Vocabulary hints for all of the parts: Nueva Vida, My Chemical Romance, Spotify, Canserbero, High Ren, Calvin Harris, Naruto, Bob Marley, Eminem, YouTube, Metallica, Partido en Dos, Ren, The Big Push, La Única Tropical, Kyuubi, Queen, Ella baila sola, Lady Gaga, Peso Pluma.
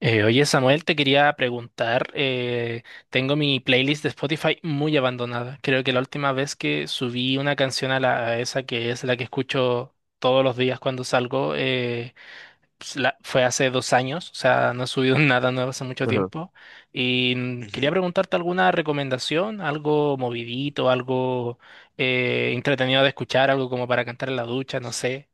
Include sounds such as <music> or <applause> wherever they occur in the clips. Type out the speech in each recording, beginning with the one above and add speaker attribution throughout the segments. Speaker 1: Oye, Samuel, te quería preguntar, tengo mi playlist de Spotify muy abandonada. Creo que la última vez que subí una canción a, la, a esa que es la que escucho todos los días cuando salgo, pues, fue hace 2 años, o sea, no he subido <laughs> nada nuevo hace mucho
Speaker 2: Ajá.
Speaker 1: tiempo. Y
Speaker 2: Ujú.
Speaker 1: quería preguntarte alguna recomendación, algo movidito, algo entretenido de escuchar, algo como para cantar en la ducha, no sé.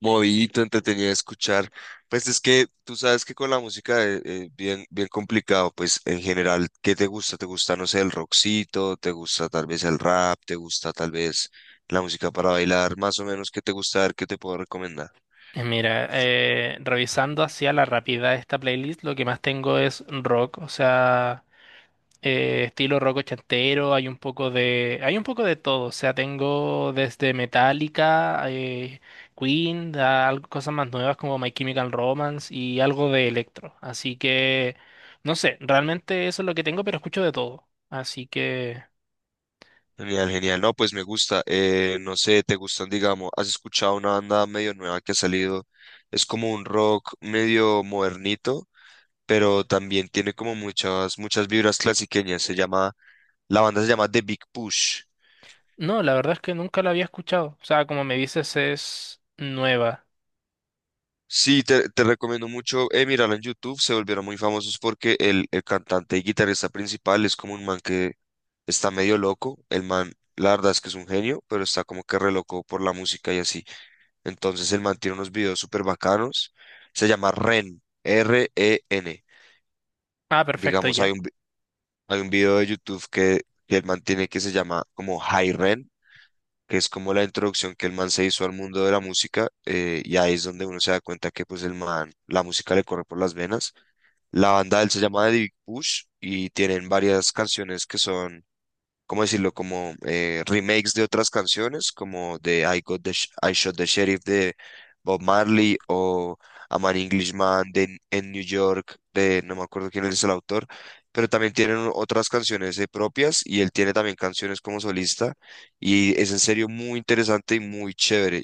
Speaker 2: Movidito, entretenido de escuchar. Pues es que tú sabes que con la música es bien, bien complicado. Pues en general, ¿qué te gusta? ¿Te gusta, no sé, el rockcito? ¿Te gusta tal vez el rap? ¿Te gusta tal vez la música para bailar? Más o menos, ¿qué te gusta? A ver, ¿qué te puedo recomendar?
Speaker 1: Mira, revisando hacia la rapidez esta playlist, lo que más tengo es rock, o sea, estilo rock ochentero, hay un poco de todo, o sea, tengo desde Metallica, Queen, a cosas más nuevas como My Chemical Romance y algo de electro, así que, no sé, realmente eso es lo que tengo, pero escucho de todo, así que,
Speaker 2: Genial, genial. No, pues me gusta. No sé, ¿te gustan, digamos, has escuchado una banda medio nueva que ha salido? Es como un rock medio modernito, pero también tiene como muchas, muchas vibras clasiqueñas. Se llama... La banda se llama The Big Push.
Speaker 1: no, la verdad es que nunca la había escuchado, o sea, como me dices, es nueva.
Speaker 2: Sí, te recomiendo mucho, mirarla en YouTube. Se volvieron muy famosos porque el cantante y guitarrista principal es como un man que está medio loco. El man, la verdad es que es un genio, pero está como que re loco por la música y así. Entonces el man tiene unos videos súper bacanos. Se llama Ren, R-E-N.
Speaker 1: Ah, perfecto,
Speaker 2: Digamos,
Speaker 1: ya.
Speaker 2: hay un video de YouTube que el man tiene, que se llama como High Ren, que es como la introducción que el man se hizo al mundo de la música, y ahí es donde uno se da cuenta que pues el man, la música le corre por las venas. La banda de él se llama The Big Push y tienen varias canciones que son... ¿cómo decirlo? Como remakes de otras canciones, como de I Shot the Sheriff de Bob Marley, o A Man Englishman de en New York, de no me acuerdo quién es el autor, pero también tienen otras canciones, propias, y él tiene también canciones como solista, y es en serio muy interesante y muy chévere.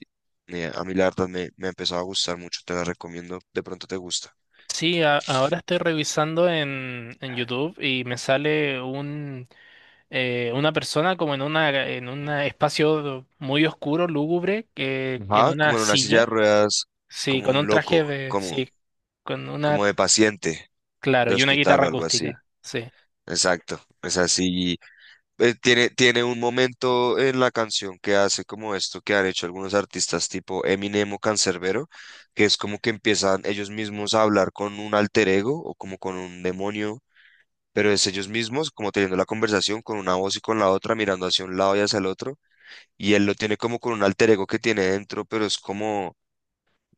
Speaker 2: A mí la verdad me ha empezado a gustar mucho, te la recomiendo, de pronto te gusta.
Speaker 1: Sí, ahora estoy revisando en YouTube y me sale un, una persona como en una en un espacio muy oscuro, lúgubre, que en
Speaker 2: Ajá,
Speaker 1: una
Speaker 2: como en una silla de
Speaker 1: silla,
Speaker 2: ruedas,
Speaker 1: sí,
Speaker 2: como
Speaker 1: con un
Speaker 2: un
Speaker 1: traje
Speaker 2: loco,
Speaker 1: de,
Speaker 2: como,
Speaker 1: sí, con una,
Speaker 2: como de paciente.
Speaker 1: claro,
Speaker 2: De
Speaker 1: y una
Speaker 2: hospital
Speaker 1: guitarra
Speaker 2: o algo así.
Speaker 1: acústica, sí,
Speaker 2: Exacto. Es así. Tiene, tiene un momento en la canción que hace como esto que han hecho algunos artistas tipo Eminem o Canserbero, que es como que empiezan ellos mismos a hablar con un alter ego o como con un demonio, pero es ellos mismos como teniendo la conversación con una voz y con la otra, mirando hacia un lado y hacia el otro. Y él lo tiene como con un alter ego que tiene dentro, pero es como,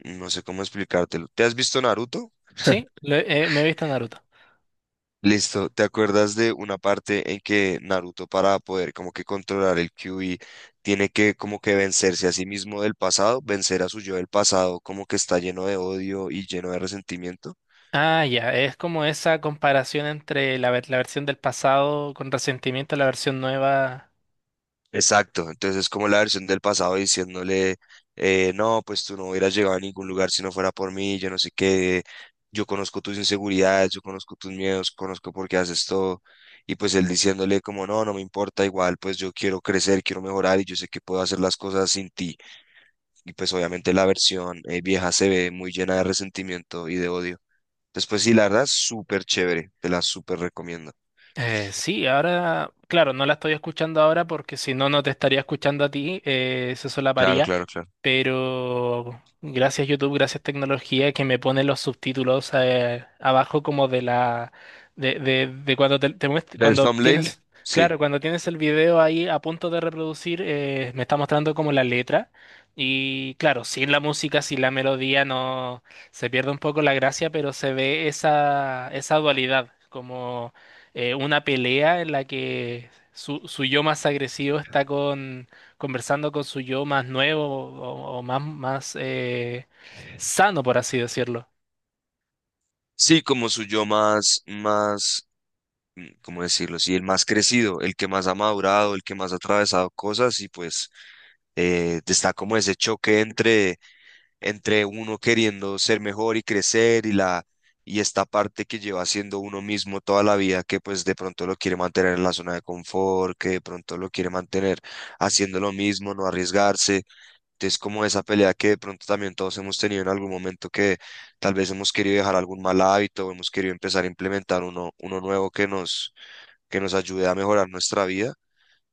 Speaker 2: no sé cómo explicártelo. ¿Te has visto Naruto?
Speaker 1: sí, me he visto Naruto.
Speaker 2: Listo, ¿te acuerdas de una parte en que Naruto, para poder como que controlar el Kyuubi, tiene que como que vencerse a sí mismo del pasado, vencer a su yo del pasado, como que está lleno de odio y lleno de resentimiento?
Speaker 1: Ah, ya, es como esa comparación entre la, la versión del pasado con resentimiento a la versión nueva.
Speaker 2: Exacto, entonces es como la versión del pasado diciéndole, no, pues tú no hubieras llegado a ningún lugar si no fuera por mí, yo no sé qué, yo conozco tus inseguridades, yo conozco tus miedos, conozco por qué haces todo, y pues él diciéndole como, no, no me importa, igual, pues yo quiero crecer, quiero mejorar y yo sé que puedo hacer las cosas sin ti, y pues obviamente la versión vieja se ve muy llena de resentimiento y de odio. Entonces, pues sí, la verdad, súper chévere, te la súper recomiendo.
Speaker 1: Sí, ahora, claro, no la estoy escuchando ahora porque si no, no te estaría escuchando a ti, se
Speaker 2: Claro,
Speaker 1: solaparía,
Speaker 2: claro, claro.
Speaker 1: pero gracias YouTube, gracias tecnología que me pone los subtítulos abajo como de la, de cuando te
Speaker 2: ¿Del
Speaker 1: cuando
Speaker 2: Thumbnail?
Speaker 1: tienes,
Speaker 2: Sí.
Speaker 1: claro, cuando tienes el video ahí a punto de reproducir, me está mostrando como la letra y claro, sin la música, sin la melodía, no, se pierde un poco la gracia, pero se ve esa dualidad, como una pelea en la que su yo más agresivo está con, conversando con su yo más nuevo o más, más sano, por así decirlo.
Speaker 2: Sí, como su yo más, más, ¿cómo decirlo? Sí, el más crecido, el que más ha madurado, el que más ha atravesado cosas y pues está como ese choque entre, entre uno queriendo ser mejor y crecer y esta parte que lleva siendo uno mismo toda la vida, que pues de pronto lo quiere mantener en la zona de confort, que de pronto lo quiere mantener haciendo lo mismo, no arriesgarse. Es como esa pelea que de pronto también todos hemos tenido en algún momento, que tal vez hemos querido dejar algún mal hábito o hemos querido empezar a implementar uno nuevo que nos ayude a mejorar nuestra vida.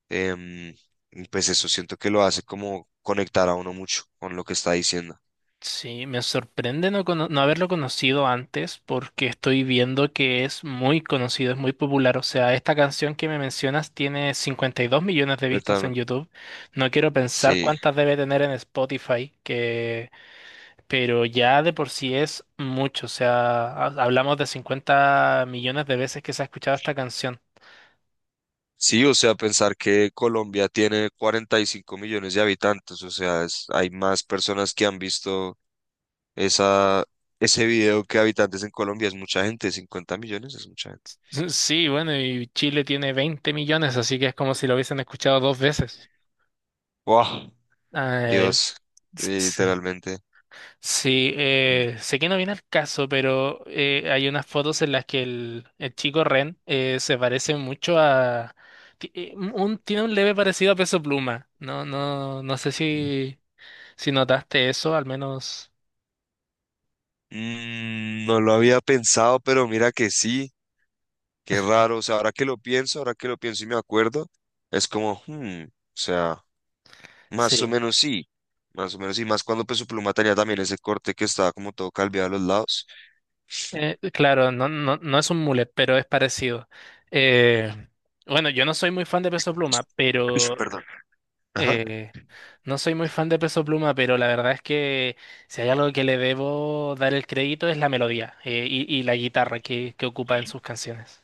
Speaker 2: em, y pues eso siento que lo hace como conectar a uno mucho con lo que está diciendo.
Speaker 1: Sí, me sorprende no, no haberlo conocido antes porque estoy viendo que es muy conocido, es muy popular. O sea, esta canción que me mencionas tiene 52 millones de vistas
Speaker 2: Cuéntame.
Speaker 1: en YouTube. No quiero pensar
Speaker 2: Sí,
Speaker 1: cuántas debe tener en Spotify, que pero ya de por sí es mucho, o sea, hablamos de 50 millones de veces que se ha escuchado esta canción.
Speaker 2: sí, o sea, pensar que Colombia tiene 45 millones de habitantes, o sea, es- hay más personas que han visto esa, ese video que habitantes en Colombia, es mucha gente, 50 millones es mucha...
Speaker 1: <laughs> Sí, bueno, y Chile tiene 20 millones, así que es como si lo hubiesen escuchado dos veces.
Speaker 2: Wow,
Speaker 1: Eh,
Speaker 2: Dios,
Speaker 1: sí,
Speaker 2: literalmente.
Speaker 1: sí, sé que no viene al caso, pero hay unas fotos en las que el chico Ren se parece mucho a... tiene un leve parecido a Peso Pluma. No, no, no sé si, si notaste eso, al menos...
Speaker 2: No lo había pensado, pero mira que sí, qué raro. O sea, ahora que lo pienso, ahora que lo pienso y me acuerdo, es como, hmm, o sea, más o
Speaker 1: Sí.
Speaker 2: menos sí, más o menos sí, más cuando Peso Pluma tenía también ese corte que estaba como todo calviado a los lados.
Speaker 1: Claro, no, no, no es un mullet, pero es parecido. Eh, bueno, yo no soy muy fan de Peso
Speaker 2: <sniffs>
Speaker 1: Pluma,
Speaker 2: Uy,
Speaker 1: pero
Speaker 2: perdón.
Speaker 1: eh, no soy muy fan de Peso Pluma, pero la verdad es que si hay algo que le debo dar el crédito es la melodía y la guitarra que ocupa en sus canciones.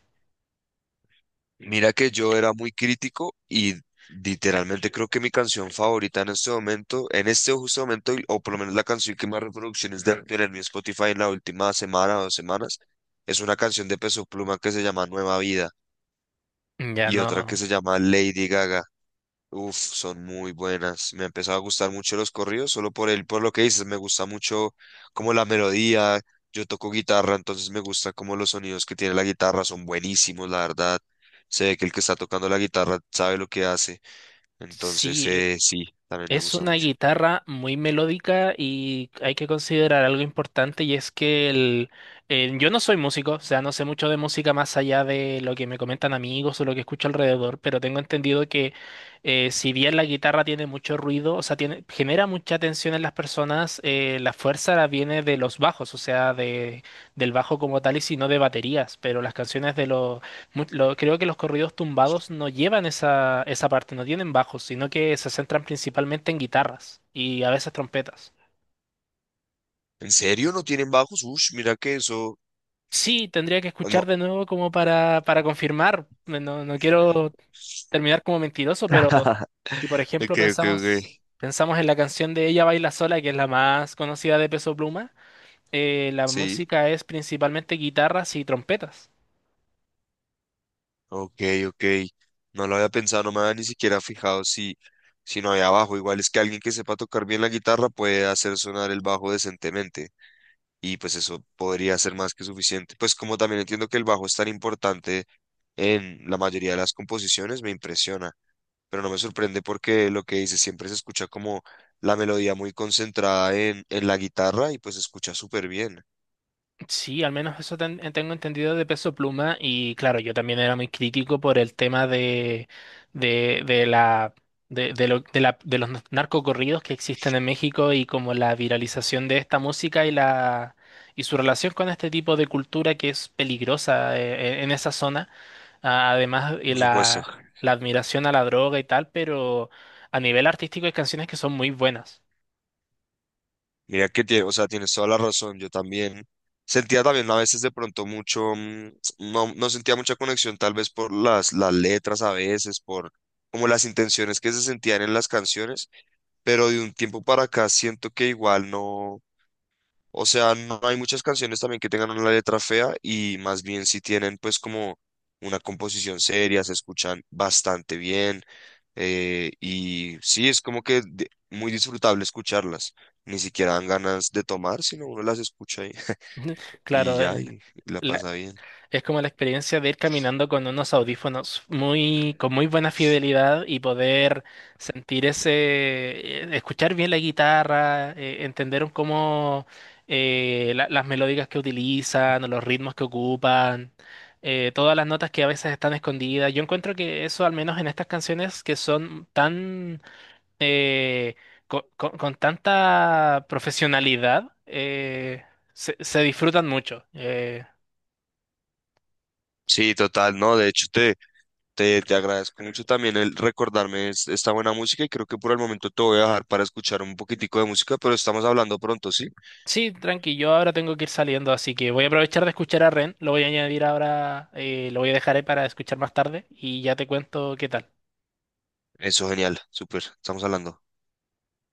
Speaker 2: Mira que yo era muy crítico y literalmente creo que mi canción favorita en este momento, en este justo momento, o por lo menos la canción que más reproducciones debe tener mi Spotify en la última semana o dos semanas, es una canción de Peso Pluma que se llama Nueva Vida,
Speaker 1: Ya
Speaker 2: y otra
Speaker 1: no.
Speaker 2: que se llama Lady Gaga. Uf, son muy buenas. Me ha empezado a gustar mucho los corridos, solo por el, por lo que dices, me gusta mucho como la melodía. Yo toco guitarra, entonces me gusta como los sonidos que tiene la guitarra son buenísimos, la verdad. Se ve que el que está tocando la guitarra sabe lo que hace. Entonces,
Speaker 1: Sí,
Speaker 2: sí, también me
Speaker 1: es
Speaker 2: gusta
Speaker 1: una
Speaker 2: mucho.
Speaker 1: guitarra muy melódica y hay que considerar algo importante y es que el, yo no soy músico, o sea, no sé mucho de música más allá de lo que me comentan amigos o lo que escucho alrededor, pero tengo entendido que si bien la guitarra tiene mucho ruido, o sea, tiene, genera mucha tensión en las personas, la fuerza la viene de los bajos, o sea, de, del bajo como tal y si no de baterías, pero las canciones de los creo que los corridos tumbados no llevan esa, esa parte, no tienen bajos, sino que se centran principalmente en guitarras y a veces trompetas.
Speaker 2: ¿En serio no tienen bajos? Ush, mira que eso.
Speaker 1: Sí, tendría que
Speaker 2: No,
Speaker 1: escuchar de nuevo como para confirmar. No, no quiero terminar como mentiroso, pero
Speaker 2: <laughs>
Speaker 1: si por
Speaker 2: <laughs>
Speaker 1: ejemplo
Speaker 2: ok, ok, ok.
Speaker 1: pensamos en la canción de Ella baila sola, que es la más conocida de Peso Pluma, la
Speaker 2: Sí.
Speaker 1: música es principalmente guitarras y trompetas.
Speaker 2: Ok, ok. No lo había pensado, no me había ni siquiera fijado si, si no había bajo. Igual es que alguien que sepa tocar bien la guitarra puede hacer sonar el bajo decentemente. Y pues eso podría ser más que suficiente. Pues como también entiendo que el bajo es tan importante en la mayoría de las composiciones, me impresiona. Pero no me sorprende porque lo que dice siempre se escucha como la melodía muy concentrada en la guitarra y pues se escucha súper bien,
Speaker 1: Sí, al menos eso tengo entendido de Peso Pluma y claro, yo también era muy crítico por el tema de, de, de la, de de los narcocorridos que existen en México y como la viralización de esta música y la y su relación con este tipo de cultura que es peligrosa en esa zona. Ah, además, y
Speaker 2: por supuesto.
Speaker 1: la admiración a la droga y tal, pero a nivel artístico hay canciones que son muy buenas.
Speaker 2: Mira que tiene, o sea, tienes toda la razón. Yo también sentía también a veces de pronto mucho, no, no sentía mucha conexión tal vez por las letras a veces, por como las intenciones que se sentían en las canciones, pero de un tiempo para acá siento que igual no, o sea, no hay muchas canciones también que tengan una letra fea y más bien si tienen, pues, como una composición seria, se escuchan bastante bien, y sí, es como que muy disfrutable escucharlas. Ni siquiera dan ganas de tomar, sino uno las escucha y,
Speaker 1: <laughs>
Speaker 2: <laughs> y
Speaker 1: Claro,
Speaker 2: ya, y la pasa bien.
Speaker 1: es como la experiencia de ir caminando con unos audífonos muy, con muy buena fidelidad y poder sentir ese, escuchar bien la guitarra, entender un cómo las melódicas que utilizan, o los ritmos que ocupan, todas las notas que a veces están escondidas. Yo encuentro que eso, al menos en estas canciones que son tan, eh, con tanta profesionalidad, se, se disfrutan mucho.
Speaker 2: Sí, total, no, de hecho te agradezco mucho también el recordarme esta buena música, y creo que por el momento te voy a dejar para escuchar un poquitico de música, pero estamos hablando pronto, ¿sí?
Speaker 1: Sí, tranqui, yo ahora tengo que ir saliendo, así que voy a aprovechar de escuchar a Ren, lo voy a añadir ahora, lo voy a dejar ahí para escuchar más tarde y ya te cuento qué tal.
Speaker 2: Eso, genial, súper, estamos hablando.